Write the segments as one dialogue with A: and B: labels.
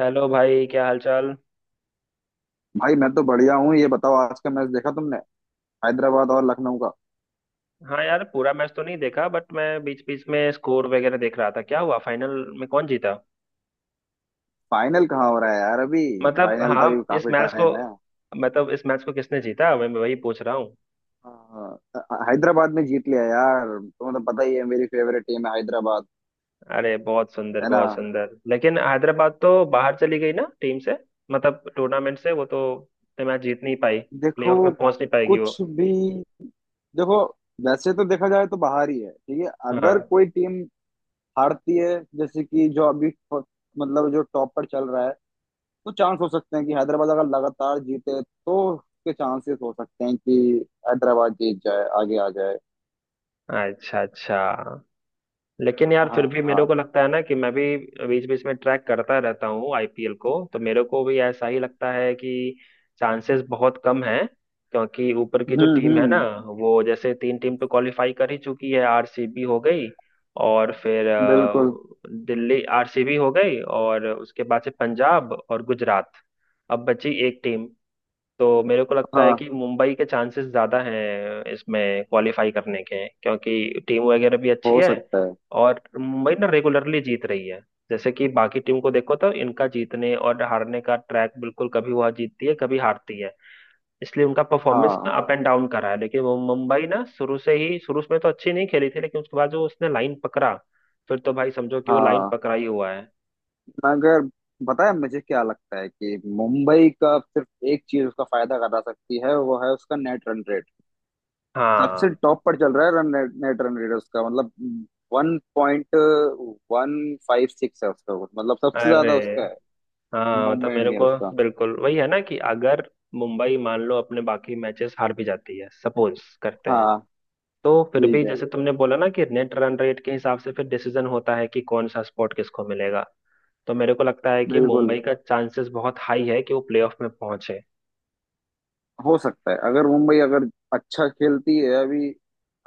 A: Hello भाई, क्या हालचाल।
B: भाई मैं तो बढ़िया हूँ। ये बताओ आज का मैच देखा तुमने? हैदराबाद और लखनऊ का।
A: हाँ यार, पूरा मैच तो नहीं देखा बट मैं बीच बीच में स्कोर वगैरह देख रहा था। क्या हुआ, फाइनल में कौन जीता?
B: फाइनल कहाँ हो रहा है यार अभी?
A: मतलब
B: फाइनल तो अभी
A: हाँ इस
B: काफी
A: मैच को
B: टाइम है।
A: मतलब इस मैच को किसने जीता, मैं वही पूछ रहा हूँ।
B: हाँ, हैदराबाद ने जीत लिया यार, तुम्हें तो पता ही है मेरी फेवरेट टीम है हैदराबाद।
A: अरे, बहुत सुंदर
B: है ना।
A: बहुत सुंदर। लेकिन हैदराबाद तो बाहर चली गई ना टीम से, मतलब टूर्नामेंट से। वो तो मैच जीत नहीं पाई,
B: देखो
A: प्लेऑफ में पहुंच नहीं पाएगी वो।
B: कुछ भी। देखो वैसे तो देखा जाए तो बाहर ही है। ठीक है, अगर
A: हाँ,
B: कोई टीम हारती है, जैसे कि मतलब जो टॉप पर चल रहा है, तो चांस हो सकते हैं कि हैदराबाद अगर लगातार जीते तो उसके चांसेस हो सकते हैं कि हैदराबाद जीत जाए, आगे आ जाए।
A: अच्छा अच्छा। लेकिन यार, फिर भी मेरे
B: हाँ।
A: को लगता है ना कि मैं भी बीच बीच में ट्रैक करता रहता हूँ आईपीएल को, तो मेरे को भी ऐसा ही लगता है कि चांसेस बहुत कम है। क्योंकि ऊपर की जो
B: हम्म,
A: टीम है ना,
B: हम्म।
A: वो जैसे तीन टीम तो क्वालिफाई कर ही चुकी है। आरसीबी हो गई, और फिर
B: बिल्कुल।
A: दिल्ली, आरसीबी हो गई, और उसके बाद से पंजाब और गुजरात। अब बची एक टीम। तो मेरे को लगता है
B: हाँ,
A: कि मुंबई के चांसेस ज्यादा हैं इसमें क्वालिफाई करने के, क्योंकि टीम वगैरह भी अच्छी
B: हो
A: है।
B: सकता है।
A: और मुंबई ना रेगुलरली जीत रही है। जैसे कि बाकी टीम को देखो तो इनका जीतने और हारने का ट्रैक बिल्कुल, कभी वह जीतती है कभी हारती है, इसलिए उनका परफॉर्मेंस ना
B: हाँ,
A: अप एंड डाउन करा है। लेकिन वो मुंबई ना शुरू से ही, शुरू में तो अच्छी नहीं खेली थी, लेकिन उसके बाद जो उसने लाइन पकड़ा, फिर तो भाई समझो कि वो लाइन
B: हाँ,
A: पकड़ा ही हुआ है।
B: मगर पता है मुझे क्या लगता है कि मुंबई का सिर्फ एक चीज उसका फायदा करा सकती है, वो है उसका नेट रन रेट। सबसे
A: हाँ।
B: टॉप पर चल रहा है नेट रन रेट उसका, मतलब 1.156 है उसका, मतलब सबसे
A: अरे
B: ज्यादा उसका है।
A: हाँ, मतलब
B: मुंबई
A: मेरे को
B: इंडियंस का।
A: बिल्कुल वही है ना कि अगर मुंबई मान लो अपने बाकी मैचेस हार भी जाती है, सपोज करते हैं,
B: हाँ।
A: तो फिर भी
B: ठीक है।
A: जैसे तुमने बोला ना कि नेट रन रेट के हिसाब से फिर डिसीजन होता है कि कौन सा स्पॉट किसको मिलेगा। तो मेरे को लगता है कि
B: बिल्कुल।
A: मुंबई का चांसेस बहुत हाई है कि वो प्लेऑफ में पहुंचे।
B: हो सकता है अगर मुंबई अगर अच्छा खेलती है अभी।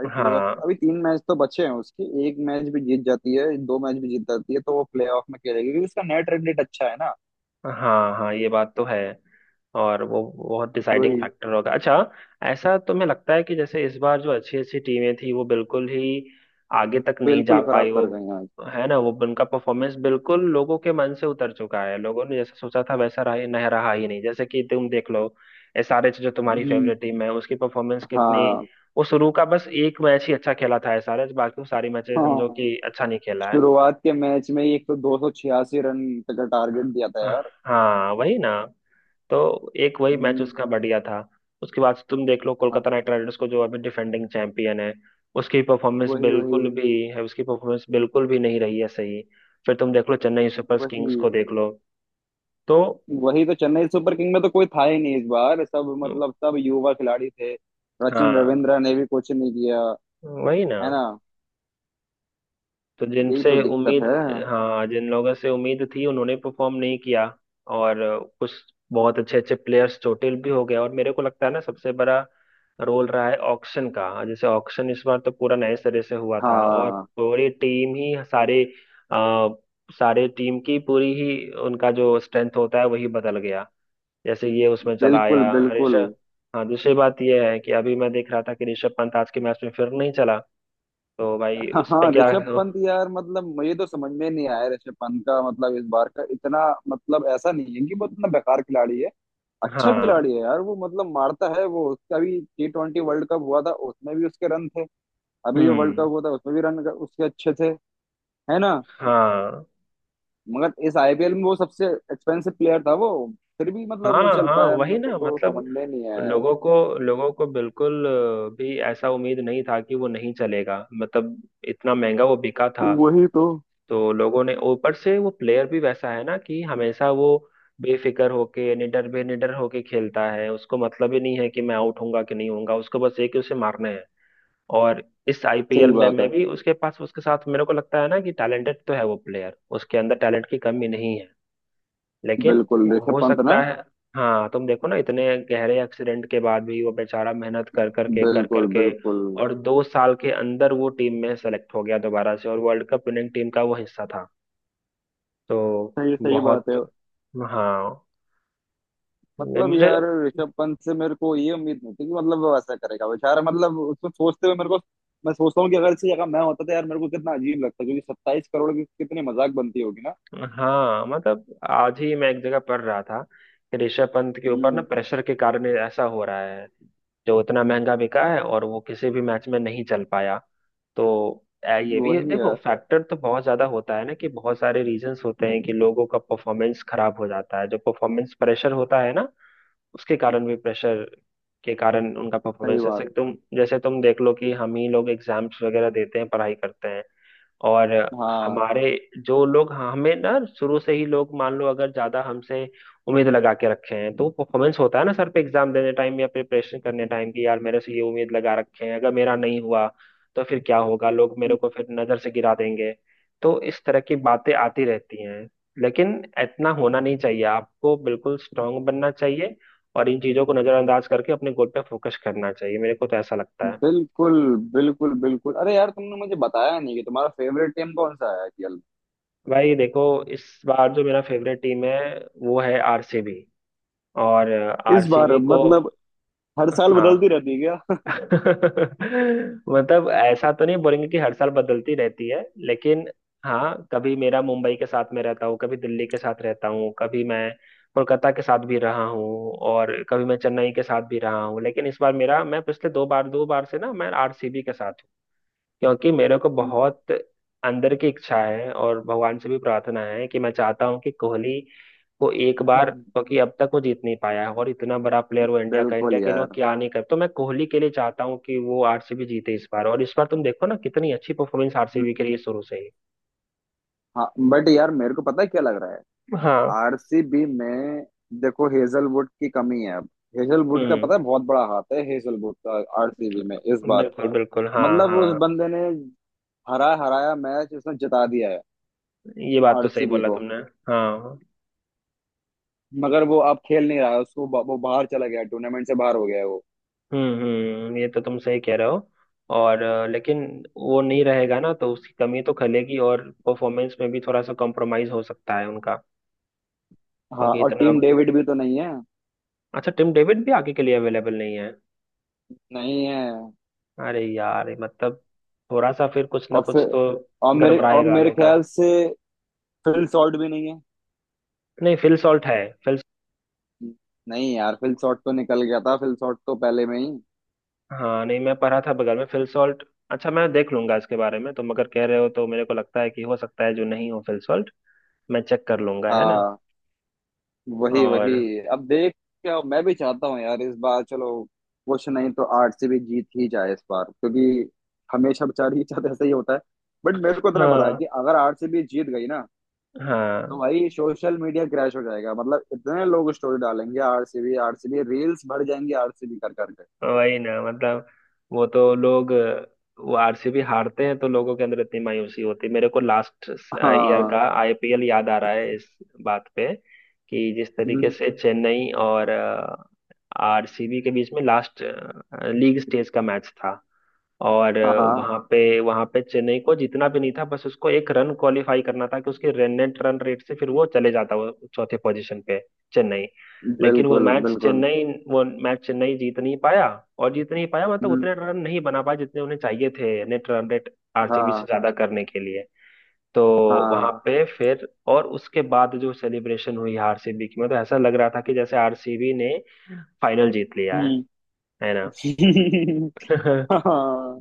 B: अभी प्लेऑफ,
A: हाँ
B: अभी 3 मैच तो बचे हैं उसके, एक मैच भी जीत जाती है 2 मैच भी जीत जाती है तो वो प्लेऑफ में खेलेगी क्योंकि उसका नेट रन रेट अच्छा है ना।
A: हाँ हाँ, ये बात तो है। और वो बहुत डिसाइडिंग
B: वही।
A: फैक्टर होगा। अच्छा, ऐसा तुम्हें लगता है कि जैसे इस बार जो अच्छी अच्छी टीमें थी वो बिल्कुल ही आगे तक नहीं जा
B: बिल्कुल खराब
A: पाई वो?
B: कर गए हैं आज।
A: है ना, वो उनका परफॉर्मेंस बिल्कुल लोगों के मन से उतर चुका है। लोगों ने जैसा सोचा था वैसा रहा ही नहीं, रहा ही नहीं। जैसे कि तुम देख लो, एसआरएच जो तुम्हारी
B: हम्म।
A: फेवरेट टीम है, उसकी परफॉर्मेंस कितनी।
B: हाँ,
A: वो शुरू का बस एक मैच ही अच्छा खेला था एसआरएच, बाकी वो सारी मैचेस समझो
B: हाँ,
A: कि अच्छा नहीं खेला है।
B: शुरुआत के मैच में ही एक तो 286 रन का टारगेट दिया था यार।
A: हाँ, वही ना। तो एक वही मैच
B: हम्म।
A: उसका बढ़िया था। उसके बाद से तुम देख लो
B: हाँ।
A: कोलकाता नाइट राइडर्स को, जो अभी डिफेंडिंग चैंपियन है।
B: वही, वही।
A: उसकी परफॉर्मेंस बिल्कुल भी नहीं रही है सही। फिर तुम देख लो चेन्नई सुपर
B: वही।
A: किंग्स को, देख लो तो।
B: वही तो चेन्नई सुपर किंग में तो कोई था ही नहीं इस बार, सब मतलब सब युवा खिलाड़ी थे, सचिन
A: हाँ,
B: रविंद्र ने भी कुछ नहीं किया।
A: वही ना।
B: है ना।
A: तो
B: यही तो
A: जिनसे
B: दिक्कत
A: उम्मीद
B: है।
A: हाँ, जिन लोगों से उम्मीद थी उन्होंने परफॉर्म नहीं किया। और कुछ बहुत अच्छे अच्छे प्लेयर्स चोटिल भी हो गए, और मेरे को लगता है ना सबसे बड़ा रोल रहा है ऑक्शन का। जैसे ऑक्शन इस बार तो पूरा नए सिरे से हुआ था, और
B: हाँ।
A: पूरी टीम ही आ, सारे टीम की पूरी ही, उनका जो स्ट्रेंथ होता है वही बदल गया। जैसे ये उसमें चला आया,
B: बिल्कुल, बिल्कुल।
A: ऋषभ। हाँ, दूसरी बात ये है कि अभी मैं देख रहा था कि ऋषभ पंत आज के मैच में फिर नहीं चला। तो भाई
B: हाँ,
A: उस पे
B: हाँ,
A: क्या।
B: ऋषभ पंत यार, मतलब मुझे तो समझ में नहीं आया ऋषभ पंत का, मतलब इस बार का इतना, मतलब ऐसा नहीं है कि वो इतना बेकार खिलाड़ी है। अच्छा
A: हाँ,
B: खिलाड़ी है यार वो, मतलब मारता है वो, उसका भी T20 वर्ल्ड कप हुआ था उसमें भी उसके रन थे। अभी जो वर्ल्ड कप
A: हम्म,
B: हुआ था उसमें भी रन उसके अच्छे थे। है ना।
A: हाँ
B: मगर इस आईपीएल में वो सबसे एक्सपेंसिव प्लेयर था वो, फिर भी मतलब नहीं
A: हाँ
B: चल
A: हाँ,
B: पाया,
A: वही
B: मेरे को
A: ना,
B: तो
A: मतलब।
B: समझ में नहीं आया यार।
A: लोगों को लोगों को बिल्कुल भी ऐसा उम्मीद नहीं था कि वो नहीं चलेगा। मतलब इतना महंगा वो बिका था।
B: वही तो।
A: तो लोगों ने ऊपर से, वो प्लेयर भी वैसा है ना कि हमेशा वो बेफिक्र होके निडर होके खेलता है। उसको मतलब ही नहीं है कि मैं आउट होऊंगा कि नहीं होऊंगा, उसको बस एक ही, उसे मारना है। और इस आईपीएल
B: सही
A: में
B: बात
A: में
B: है।
A: भी, उसके साथ, मेरे को लगता है ना कि टैलेंटेड तो है वो प्लेयर, उसके अंदर टैलेंट की कमी नहीं है। लेकिन
B: बिल्कुल
A: हाँ,
B: ऋषभ
A: हो
B: पंत ना।
A: सकता है। हाँ, तुम देखो ना, इतने गहरे एक्सीडेंट के बाद भी वो बेचारा मेहनत कर कर के कर कर
B: बिल्कुल,
A: के,
B: बिल्कुल।
A: और 2 साल के अंदर वो टीम में सेलेक्ट हो गया दोबारा से, और वर्ल्ड कप विनिंग टीम का वो हिस्सा था। तो
B: सही, सही
A: बहुत।
B: बात है।
A: हाँ। नहीं,
B: मतलब
A: मुझे।
B: यार ऋषभ पंत से मेरे को ये उम्मीद नहीं थी कि मतलब वो ऐसा करेगा बेचारा, मतलब उसको सोचते हुए मेरे को, मैं सोचता हूँ कि अगर इसकी जगह मैं होता तो यार मेरे को कितना अजीब लगता, क्योंकि 27 करोड़ की कितनी मजाक बनती होगी ना।
A: हाँ, मतलब आज ही मैं एक जगह पढ़ रहा था कि ऋषभ पंत के ऊपर ना
B: हम्म।
A: प्रेशर के कारण ऐसा हो रहा है, जो इतना महंगा बिका है और वो किसी भी मैच में नहीं चल पाया। तो ये भी
B: वही
A: देखो,
B: यार।
A: फैक्टर तो बहुत ज्यादा होता है ना कि बहुत सारे रीजंस होते हैं कि लोगों का परफॉर्मेंस खराब हो जाता है। जो परफॉर्मेंस प्रेशर होता है ना, उसके कारण भी, प्रेशर के कारण उनका
B: सही
A: परफॉर्मेंस, जैसे
B: बात।
A: तुम जैसे तुम देख लो कि हम ही लोग एग्जाम्स वगैरह देते हैं, पढ़ाई करते हैं। और
B: हाँ।
A: हमारे जो लोग हाँ, हमें ना शुरू से ही लोग मान लो अगर ज्यादा हमसे उम्मीद लगा के रखे हैं, तो परफॉर्मेंस होता है ना सर पे, एग्जाम देने टाइम या प्रिपरेशन करने टाइम की, यार मेरे से ये उम्मीद लगा रखे हैं, अगर मेरा नहीं हुआ तो फिर क्या होगा, लोग मेरे को फिर नजर से गिरा देंगे। तो इस तरह की बातें आती रहती हैं। लेकिन इतना होना नहीं चाहिए, आपको बिल्कुल स्ट्रांग बनना चाहिए, और इन चीजों को नजरअंदाज करके अपने गोल पे फोकस करना चाहिए, मेरे को तो ऐसा लगता है।
B: बिल्कुल, बिल्कुल। बिल्कुल, अरे यार तुमने मुझे बताया नहीं कि तुम्हारा फेवरेट टीम कौन सा है आईपीएल
A: भाई देखो, इस बार जो मेरा फेवरेट टीम है वो है आरसीबी। और
B: में इस बार?
A: आरसीबी को
B: मतलब हर साल बदलती
A: हाँ,
B: रहती है क्या?
A: मतलब ऐसा तो नहीं बोलेंगे कि हर साल बदलती रहती है। लेकिन हाँ, कभी मेरा मुंबई के साथ में रहता हूँ, कभी दिल्ली के साथ रहता हूँ, कभी मैं कोलकाता के साथ भी रहा हूँ, और कभी मैं चेन्नई के साथ भी रहा हूँ। लेकिन इस बार मेरा मैं पिछले दो बार से ना, मैं आरसीबी के साथ। क्योंकि मेरे को बहुत अंदर की इच्छा है, और भगवान से भी प्रार्थना है कि मैं चाहता हूं कि कोहली को एक बार, क्योंकि अब तक वो जीत नहीं पाया है, और इतना बड़ा प्लेयर वो, इंडिया का, इंडिया
B: बिल्कुल
A: के लिए वो
B: यार।
A: क्या नहीं कर, तो मैं कोहली के लिए चाहता हूँ कि वो आरसीबी जीते इस बार। और इस बार तुम देखो ना कितनी अच्छी परफॉर्मेंस आरसीबी के लिए शुरू से ही।
B: हाँ, बट यार मेरे को पता है क्या लग रहा है
A: हाँ,
B: आरसीबी में। देखो हेजलवुड की कमी है अब। हेजलवुड का
A: हम्म,
B: पता है, बहुत बड़ा हाथ है हेजलवुड का आरसीबी में इस बार।
A: बिल्कुल बिल्कुल, हाँ
B: मतलब उस
A: हाँ,
B: बंदे ने हरा हराया मैच उसने जिता दिया है
A: ये बात तो सही
B: आरसीबी
A: बोला
B: को।
A: तुमने। हाँ,
B: मगर वो अब खेल नहीं रहा है, वो बाहर चला गया, टूर्नामेंट से बाहर हो गया है।
A: हम्म, ये तो तुम सही कह रहे हो। और लेकिन वो नहीं रहेगा ना, तो उसकी कमी तो खलेगी, और परफॉर्मेंस में भी थोड़ा सा कॉम्प्रोमाइज हो सकता है उनका,
B: हाँ
A: क्योंकि
B: और
A: इतना।
B: टीम डेविड भी तो नहीं है।
A: अच्छा, टिम डेविड भी आगे के लिए अवेलेबल नहीं है।
B: नहीं है।
A: अरे यार, मतलब थोड़ा सा फिर कुछ ना
B: और
A: कुछ
B: फिर
A: तो
B: और
A: गड़बड़ाएगा अब
B: मेरे
A: इनका।
B: ख्याल से फिल शॉर्ट भी नहीं है।
A: नहीं, फिल सॉल्ट है। फिल
B: नहीं यार फिल शॉर्ट तो निकल गया था, फिल शॉर्ट तो पहले में ही।
A: हाँ, नहीं, मैं पढ़ा था बगल में फिल सॉल्ट। अच्छा, मैं देख लूंगा इसके बारे में। तुम अगर कह रहे हो तो मेरे को लगता है कि हो सकता है जो नहीं हो फिल सॉल्ट, मैं चेक कर लूंगा, है ना।
B: हाँ वही,
A: और
B: वही। अब देख, क्या मैं भी चाहता हूँ यार इस बार, चलो कुछ नहीं तो आरसीबी जीत ही जाए इस बार क्योंकि हमेशा बेचारी के साथ ऐसा ही होता है। बट मेरे को इतना पता है
A: हाँ
B: कि अगर आरसीबी जीत गई ना तो
A: हाँ,
B: भाई सोशल मीडिया क्रैश हो जाएगा, मतलब इतने लोग स्टोरी डालेंगे आरसीबी आरसीबी, रील्स भर जाएंगी आरसीबी कर करके।
A: वही ना, मतलब वो तो लोग वो, आरसीबी हारते हैं तो लोगों के अंदर इतनी मायूसी होती है। मेरे को लास्ट ईयर
B: हाँ।
A: का आईपीएल याद आ रहा है इस बात पे, कि जिस तरीके
B: हम्म,
A: से चेन्नई और आरसीबी के बीच में लास्ट लीग स्टेज का मैच था, और
B: हाँ, हाँ।
A: वहां पे वहां पे चेन्नई को जीतना भी नहीं था, बस उसको एक रन क्वालिफाई करना था कि उसके रन नेट रन रेट से फिर वो चले जाता वो चौथे पोजीशन पे, चेन्नई। लेकिन वो
B: बिल्कुल,
A: मैच
B: बिल्कुल।
A: चेन्नई वो मैच चेन्नई जीत नहीं पाया, और जीत नहीं पाया मतलब
B: हम्म,
A: उतने रन नहीं बना पाया जितने उन्हें चाहिए थे नेट रन रेट आरसीबी से
B: हाँ,
A: ज्यादा करने के लिए। तो वहां
B: हाँ।
A: पे फिर, और उसके बाद जो सेलिब्रेशन हुई आरसीबी की, मतलब ऐसा लग रहा था कि जैसे आरसीबी ने फाइनल जीत लिया है
B: हम्म।
A: ना।
B: हाँ।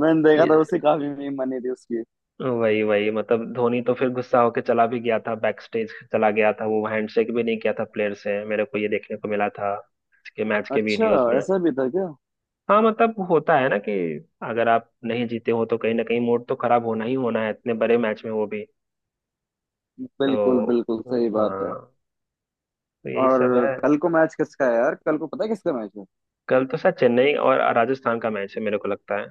B: मैंने देखा था, उससे काफी मीम बनी थी उसकी।
A: वही वही, मतलब धोनी तो फिर गुस्सा होके चला भी गया था, बैक स्टेज चला गया था, वो हैंडशेक भी नहीं किया था प्लेयर से, मेरे को ये देखने को मिला था के मैच के
B: अच्छा,
A: वीडियोस में।
B: ऐसा भी था क्या?
A: हाँ, मतलब होता है ना कि अगर आप नहीं जीते हो तो कहीं ना कहीं मूड तो खराब होना ही होना है, इतने बड़े मैच में वो भी।
B: बिल्कुल,
A: तो
B: बिल्कुल सही बात है।
A: हाँ, तो यही
B: और
A: सब है।
B: कल को मैच किसका है यार? कल को पता है किसका मैच है?
A: कल तो शायद चेन्नई और राजस्थान का मैच है, मेरे को लगता है।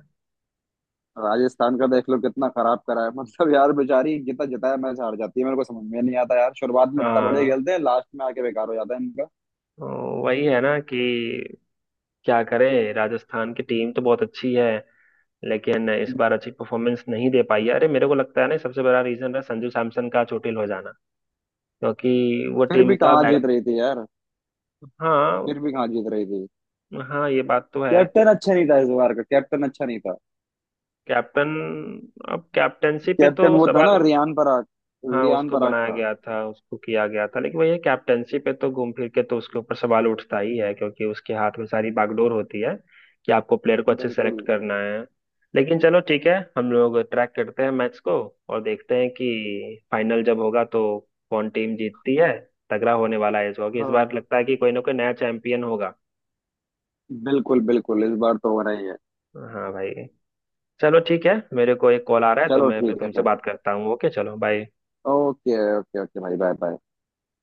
B: राजस्थान का देख लो कितना खराब करा है, मतलब यार बेचारी जितना जिताया मैच हार जाती है, मेरे को समझ में नहीं आता यार, शुरुआत में इतना बढ़िया
A: हाँ,
B: खेलते हैं लास्ट में आके बेकार हो जाता है इनका।
A: तो वही है ना कि क्या करे, राजस्थान की टीम तो बहुत अच्छी है, लेकिन इस बार अच्छी परफॉर्मेंस नहीं दे पाई है। अरे, मेरे को लगता है ना सबसे बड़ा रीजन है संजू सैमसन का चोटिल हो जाना, क्योंकि वो
B: फिर
A: टीम
B: भी
A: का
B: कहाँ
A: बैक।
B: जीत रही थी यार।
A: हाँ
B: फिर भी कहाँ जीत रही थी।
A: हाँ, ये बात तो है।
B: कैप्टन अच्छा नहीं था इस बार का, कैप्टन अच्छा नहीं था।
A: कैप्टन अब कैप्टनसी पे
B: कैप्टन
A: तो
B: वो था ना
A: सवाल।
B: रियान पराग।
A: हाँ,
B: रियान
A: उसको
B: पराग
A: बनाया
B: था।
A: गया था, उसको किया गया था, लेकिन भैया कैप्टेंसी पे तो घूम फिर के तो उसके ऊपर सवाल उठता ही है, क्योंकि उसके हाथ में सारी बागडोर होती है कि आपको प्लेयर को अच्छे
B: बिल्कुल।
A: सेलेक्ट करना है। लेकिन चलो ठीक है, हम लोग ट्रैक करते हैं मैच को, और देखते हैं कि फाइनल जब होगा तो कौन टीम जीतती है। तगड़ा होने वाला है इस बार, क्योंकि इस
B: हाँ
A: बार लगता है कि कोई ना कोई नया चैंपियन होगा।
B: बिल्कुल, बिल्कुल इस बार तो हो रही है।
A: हाँ भाई, चलो ठीक है, मेरे को एक कॉल आ रहा है, तो
B: चलो
A: मैं फिर
B: ठीक है
A: तुमसे
B: फिर।
A: बात करता हूँ। ओके, चलो बाय।
B: ओके ओके ओके भाई बाय बाय।